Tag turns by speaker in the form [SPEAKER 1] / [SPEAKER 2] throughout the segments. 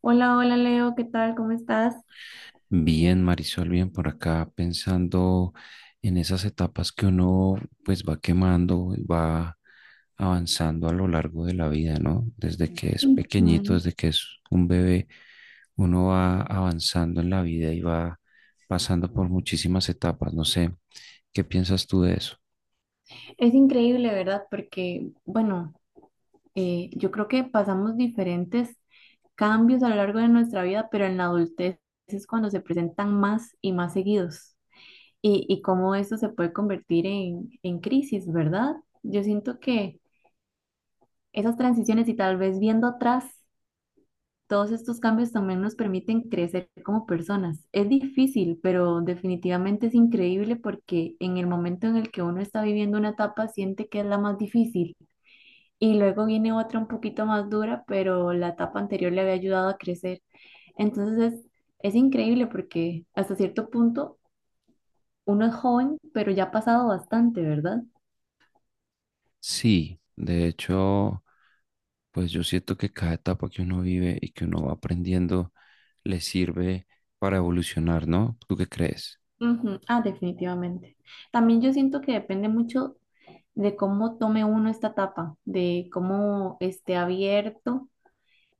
[SPEAKER 1] Hola, hola Leo, ¿qué tal? ¿Cómo estás?
[SPEAKER 2] Bien, Marisol, bien por acá, pensando en esas etapas que uno pues va quemando, y va avanzando a lo largo de la vida, ¿no? Desde que es pequeñito,
[SPEAKER 1] Ujú.
[SPEAKER 2] desde que es un bebé, uno va avanzando en la vida y va pasando por muchísimas etapas. No sé, ¿qué piensas tú de eso?
[SPEAKER 1] Es increíble, ¿verdad? Porque, bueno, yo creo que pasamos diferentes cambios a lo largo de nuestra vida, pero en la adultez es cuando se presentan más y más seguidos. Y cómo esto se puede convertir en crisis, ¿verdad? Yo siento que esas transiciones y tal vez viendo atrás, todos estos cambios también nos permiten crecer como personas. Es difícil, pero definitivamente es increíble porque en el momento en el que uno está viviendo una etapa siente que es la más difícil y luego viene otra un poquito más dura, pero la etapa anterior le había ayudado a crecer. Entonces es, es increíble porque hasta cierto punto uno es joven, pero ya ha pasado bastante, ¿verdad?
[SPEAKER 2] Sí, de hecho, pues yo siento que cada etapa que uno vive y que uno va aprendiendo le sirve para evolucionar, ¿no? ¿Tú qué crees?
[SPEAKER 1] Ujú. Ah, definitivamente. También yo siento que depende mucho de cómo tome uno esta etapa, de cómo esté abierto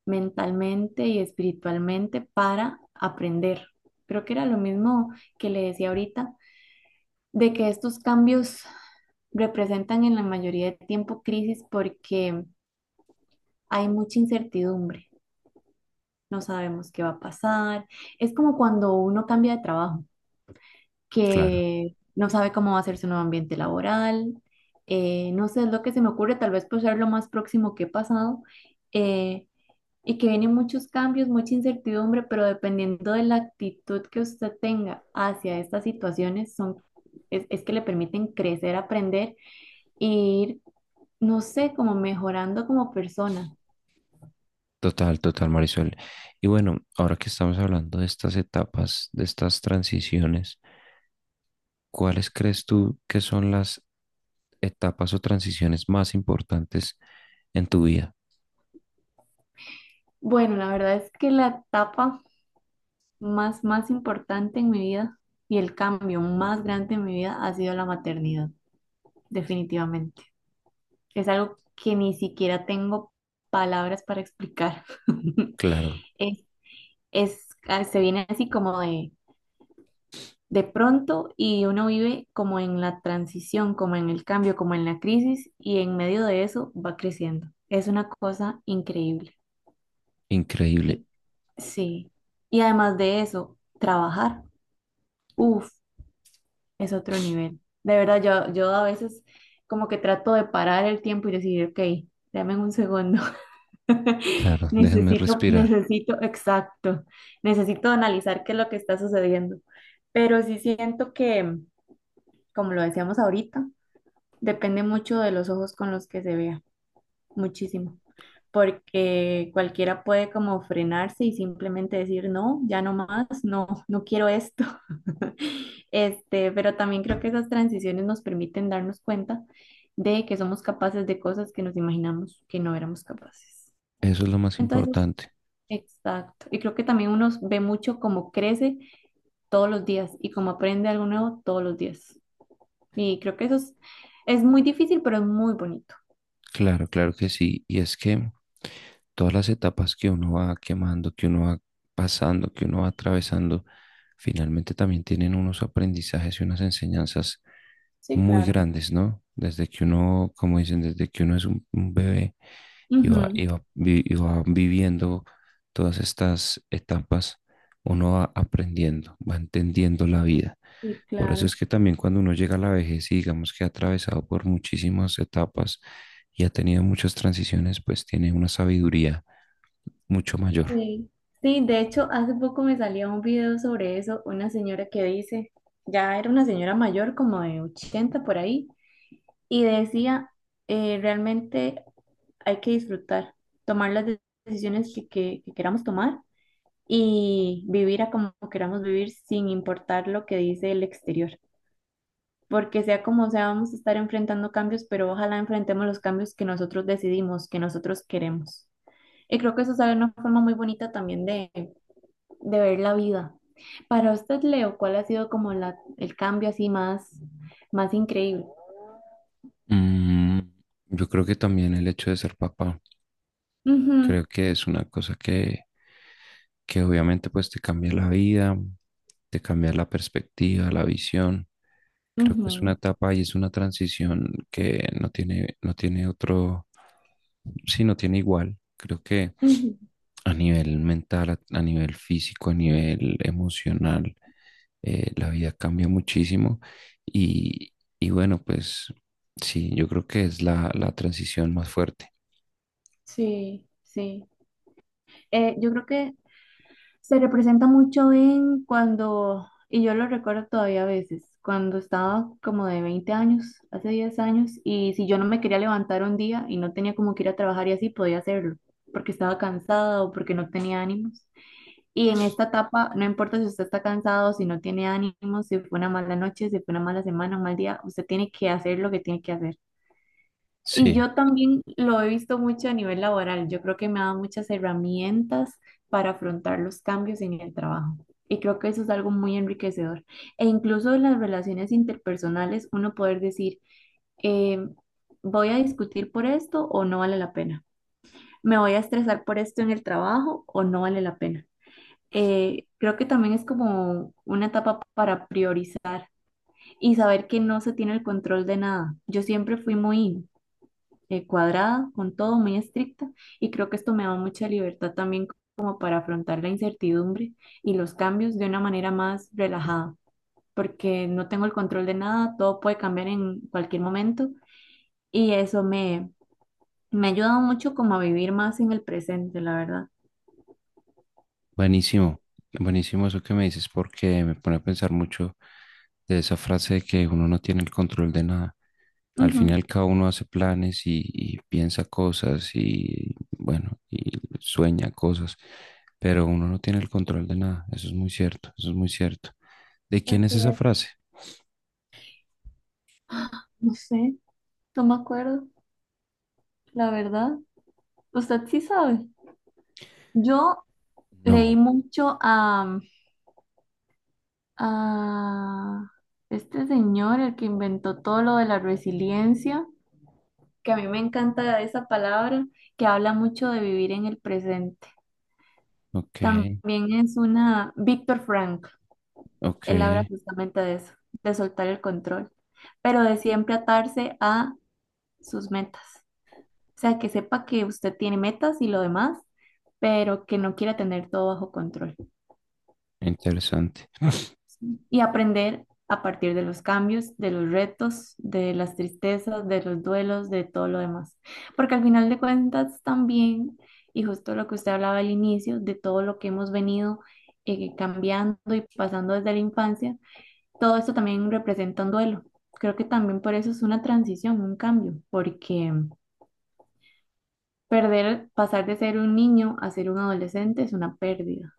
[SPEAKER 1] mentalmente y espiritualmente para aprender. Creo que era lo mismo que le decía ahorita, de que estos cambios representan en la mayoría de tiempo crisis porque hay mucha incertidumbre. No sabemos qué va a pasar. Es como cuando uno cambia de trabajo,
[SPEAKER 2] Claro.
[SPEAKER 1] que no sabe cómo va a ser su nuevo ambiente laboral, no sé, es lo que se me ocurre, tal vez por ser lo más próximo que he pasado, eh, y que vienen muchos cambios, mucha incertidumbre, pero dependiendo de la actitud que usted tenga hacia estas situaciones, es que le permiten crecer, aprender e ir, no sé, como mejorando como persona.
[SPEAKER 2] Total, total, Marisol. Y bueno, ahora que estamos hablando de estas etapas, de estas transiciones, ¿cuáles crees tú que son las etapas o transiciones más importantes en tu vida?
[SPEAKER 1] Bueno, la verdad es que la etapa más importante en mi vida y el cambio más grande en mi vida ha sido la maternidad, definitivamente. Es algo que ni siquiera tengo palabras para explicar.
[SPEAKER 2] Claro,
[SPEAKER 1] Es, se viene así como de pronto y uno vive como en la transición, como en el cambio, como en la crisis y en medio de eso va creciendo. Es una cosa increíble.
[SPEAKER 2] increíble.
[SPEAKER 1] Y, sí. Y además de eso, trabajar, uff, es otro nivel. De verdad, yo a veces como que trato de parar el tiempo y decir, ok, dame un segundo.
[SPEAKER 2] Claro, déjenme respirar.
[SPEAKER 1] Necesito, exacto, necesito analizar qué es lo que está sucediendo. Pero sí siento que, como lo decíamos ahorita, depende mucho de los ojos con los que se vea, muchísimo, porque cualquiera puede como frenarse y simplemente decir, no, ya no más, no, no quiero esto. Este, pero también creo que esas transiciones nos permiten darnos cuenta de que somos capaces de cosas que nos imaginamos que no éramos capaces.
[SPEAKER 2] Eso es lo más
[SPEAKER 1] Entonces,
[SPEAKER 2] importante.
[SPEAKER 1] exacto. Y creo que también uno ve mucho cómo crece todos los días y cómo aprende algo nuevo todos los días. Y creo que es muy difícil, pero es muy bonito.
[SPEAKER 2] Claro, claro que sí. Y es que todas las etapas que uno va quemando, que uno va pasando, que uno va atravesando, finalmente también tienen unos aprendizajes y unas enseñanzas
[SPEAKER 1] Sí,
[SPEAKER 2] muy
[SPEAKER 1] claro.
[SPEAKER 2] grandes, ¿no? Desde que uno, como dicen, desde que uno es un bebé y va,
[SPEAKER 1] Ujú.
[SPEAKER 2] y va viviendo todas estas etapas, uno va aprendiendo, va entendiendo la vida.
[SPEAKER 1] Sí,
[SPEAKER 2] Por eso es
[SPEAKER 1] claro.
[SPEAKER 2] que también cuando uno llega a la vejez y digamos que ha atravesado por muchísimas etapas y ha tenido muchas transiciones, pues tiene una sabiduría mucho mayor.
[SPEAKER 1] Sí. Sí, de hecho, hace poco me salía un video sobre eso, una señora que dice, ya era una señora mayor, como de 80 por ahí, y decía, realmente hay que disfrutar, tomar las decisiones que queramos tomar y vivir a como queramos vivir sin importar lo que dice el exterior. Porque sea como sea, vamos a estar enfrentando cambios, pero ojalá enfrentemos los cambios que nosotros decidimos, que nosotros queremos. Y creo que eso es una forma muy bonita también de ver la vida. Para usted, Leo, ¿cuál ha sido como el cambio así más increíble?
[SPEAKER 2] Mm, yo creo que también el hecho de ser papá.
[SPEAKER 1] Ujú,
[SPEAKER 2] Creo que es una cosa que obviamente pues te cambia la vida, te cambia la perspectiva, la visión. Creo que es una
[SPEAKER 1] ujú,
[SPEAKER 2] etapa y es una transición que no tiene, no tiene otro, sí, no tiene igual. Creo que
[SPEAKER 1] ujú.
[SPEAKER 2] a nivel mental, a nivel físico, a nivel emocional, la vida cambia muchísimo. Y, y bueno, pues sí, yo creo que es la, la transición más fuerte.
[SPEAKER 1] Sí, sí. Yo creo que se representa mucho en cuando, y yo lo recuerdo todavía a veces, cuando estaba como de 20 años, hace 10 años, y si yo no me quería levantar un día y no tenía como que ir a trabajar y así, podía hacerlo, porque estaba cansada o porque no tenía ánimos. Y en esta etapa, no importa si usted está cansado, si no tiene ánimos, si fue una mala noche, si fue una mala semana, un mal día, usted tiene que hacer lo que tiene que hacer. Y
[SPEAKER 2] Sí.
[SPEAKER 1] yo también lo he visto mucho a nivel laboral. Yo creo que me ha dado muchas herramientas para afrontar los cambios en el trabajo. Y creo que eso es algo muy enriquecedor. E incluso en las relaciones interpersonales, uno poder decir, eh, voy a discutir por esto o no vale la pena. Me voy a estresar por esto en el trabajo o no vale la pena. Creo que también es como una etapa para priorizar y saber que no se tiene el control de nada. Yo siempre fui muy cuadrada, con todo, muy estricta, y creo que esto me da mucha libertad también como para afrontar la incertidumbre y los cambios de una manera más relajada, porque no tengo el control de nada, todo puede cambiar en cualquier momento y me ha ayudado mucho como a vivir más en el presente, la verdad.
[SPEAKER 2] Buenísimo, buenísimo eso que me dices porque me pone a pensar mucho de esa frase de que uno no tiene el control de nada. Al
[SPEAKER 1] Ujú.
[SPEAKER 2] final cada uno hace planes y piensa cosas y bueno, y sueña cosas, pero uno no tiene el control de nada. Eso es muy cierto, eso es muy cierto. ¿De quién es
[SPEAKER 1] Así
[SPEAKER 2] esa
[SPEAKER 1] es.
[SPEAKER 2] frase?
[SPEAKER 1] No sé, no me acuerdo, la verdad. Usted sí sabe. Yo leí
[SPEAKER 2] No,
[SPEAKER 1] mucho a este señor, el que inventó todo lo de la resiliencia, que a mí me encanta esa palabra, que habla mucho de vivir en el presente.
[SPEAKER 2] ok,
[SPEAKER 1] También es una, Víctor Frank,
[SPEAKER 2] ok,
[SPEAKER 1] él habla justamente de eso, de soltar el control, pero de siempre atarse a sus metas. O sea, que sepa que usted tiene metas y lo demás, pero que no quiera tener todo bajo control.
[SPEAKER 2] interesante,
[SPEAKER 1] Y aprender a partir de los cambios, de los retos, de las tristezas, de los duelos, de todo lo demás. Porque al final de cuentas también, y justo lo que usted hablaba al inicio, de todo lo que hemos venido cambiando y pasando desde la infancia, todo esto también representa un duelo. Creo que también por eso es una transición, un cambio, porque perder, pasar de ser un niño a ser un adolescente es una pérdida.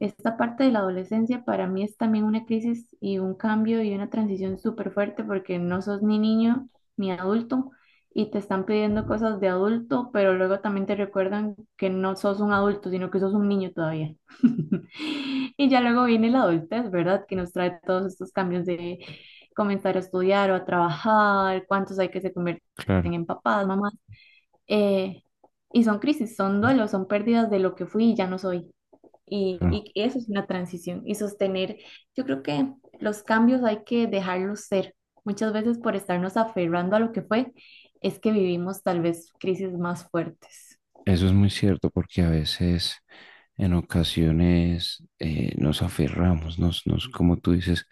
[SPEAKER 1] Esta parte de la adolescencia para mí es también una crisis y un cambio y una transición súper fuerte porque no sos ni niño ni adulto y te están pidiendo cosas de adulto, pero luego también te recuerdan que no sos un adulto, sino que sos un niño todavía. Y ya luego viene la adultez, ¿verdad? Que nos trae todos estos cambios de comenzar a estudiar o a trabajar, cuántos hay que se convierten
[SPEAKER 2] claro,
[SPEAKER 1] en papás, mamás. eh, y son crisis, son duelos, son pérdidas de lo que fui y ya no soy.
[SPEAKER 2] claro.
[SPEAKER 1] Y eso es una transición y sostener. Yo creo que los cambios hay que dejarlos ser. Muchas veces por estarnos aferrando a lo que fue, es que vivimos tal vez crisis más fuertes.
[SPEAKER 2] Eso es muy cierto porque a veces, en ocasiones, nos aferramos, nos, como tú dices,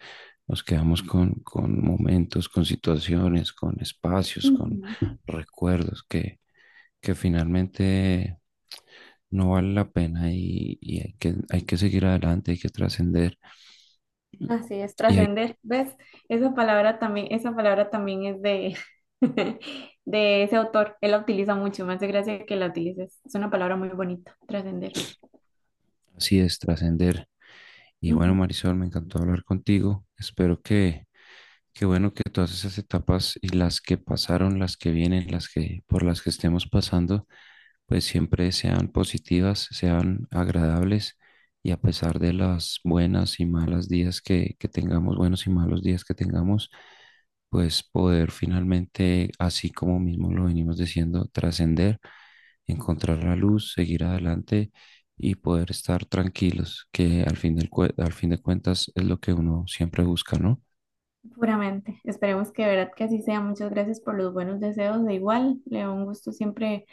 [SPEAKER 2] nos quedamos con momentos, con situaciones, con espacios, con
[SPEAKER 1] Ujú.
[SPEAKER 2] recuerdos que finalmente no vale la pena y hay que seguir adelante, hay que trascender
[SPEAKER 1] Así es,
[SPEAKER 2] y hay-
[SPEAKER 1] trascender. ¿Ves? Esa palabra también es de, de ese autor. Él la utiliza mucho. Me hace gracia que la utilices. Es una palabra muy bonita, trascender.
[SPEAKER 2] así es trascender. Y bueno,
[SPEAKER 1] Ujú.
[SPEAKER 2] Marisol, me encantó hablar contigo. Espero que. Qué bueno que todas esas etapas y las que pasaron, las que vienen, las que por las que estemos pasando, pues siempre sean positivas, sean agradables y a pesar de las buenas y malas días que tengamos, buenos y malos días que tengamos, pues poder finalmente, así como mismo lo venimos diciendo, trascender, encontrar la luz, seguir adelante y poder estar tranquilos, que al fin de cuentas es lo que uno siempre busca, ¿no?
[SPEAKER 1] Puramente. Esperemos que de verdad que así sea. Muchas gracias por los buenos deseos. De igual, Leo, un gusto siempre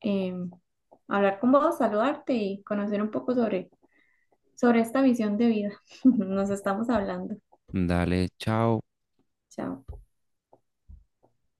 [SPEAKER 1] eh, hablar con vos, saludarte y conocer un poco sobre, sobre esta visión de vida. Nos estamos hablando.
[SPEAKER 2] Dale, chao.
[SPEAKER 1] Chao.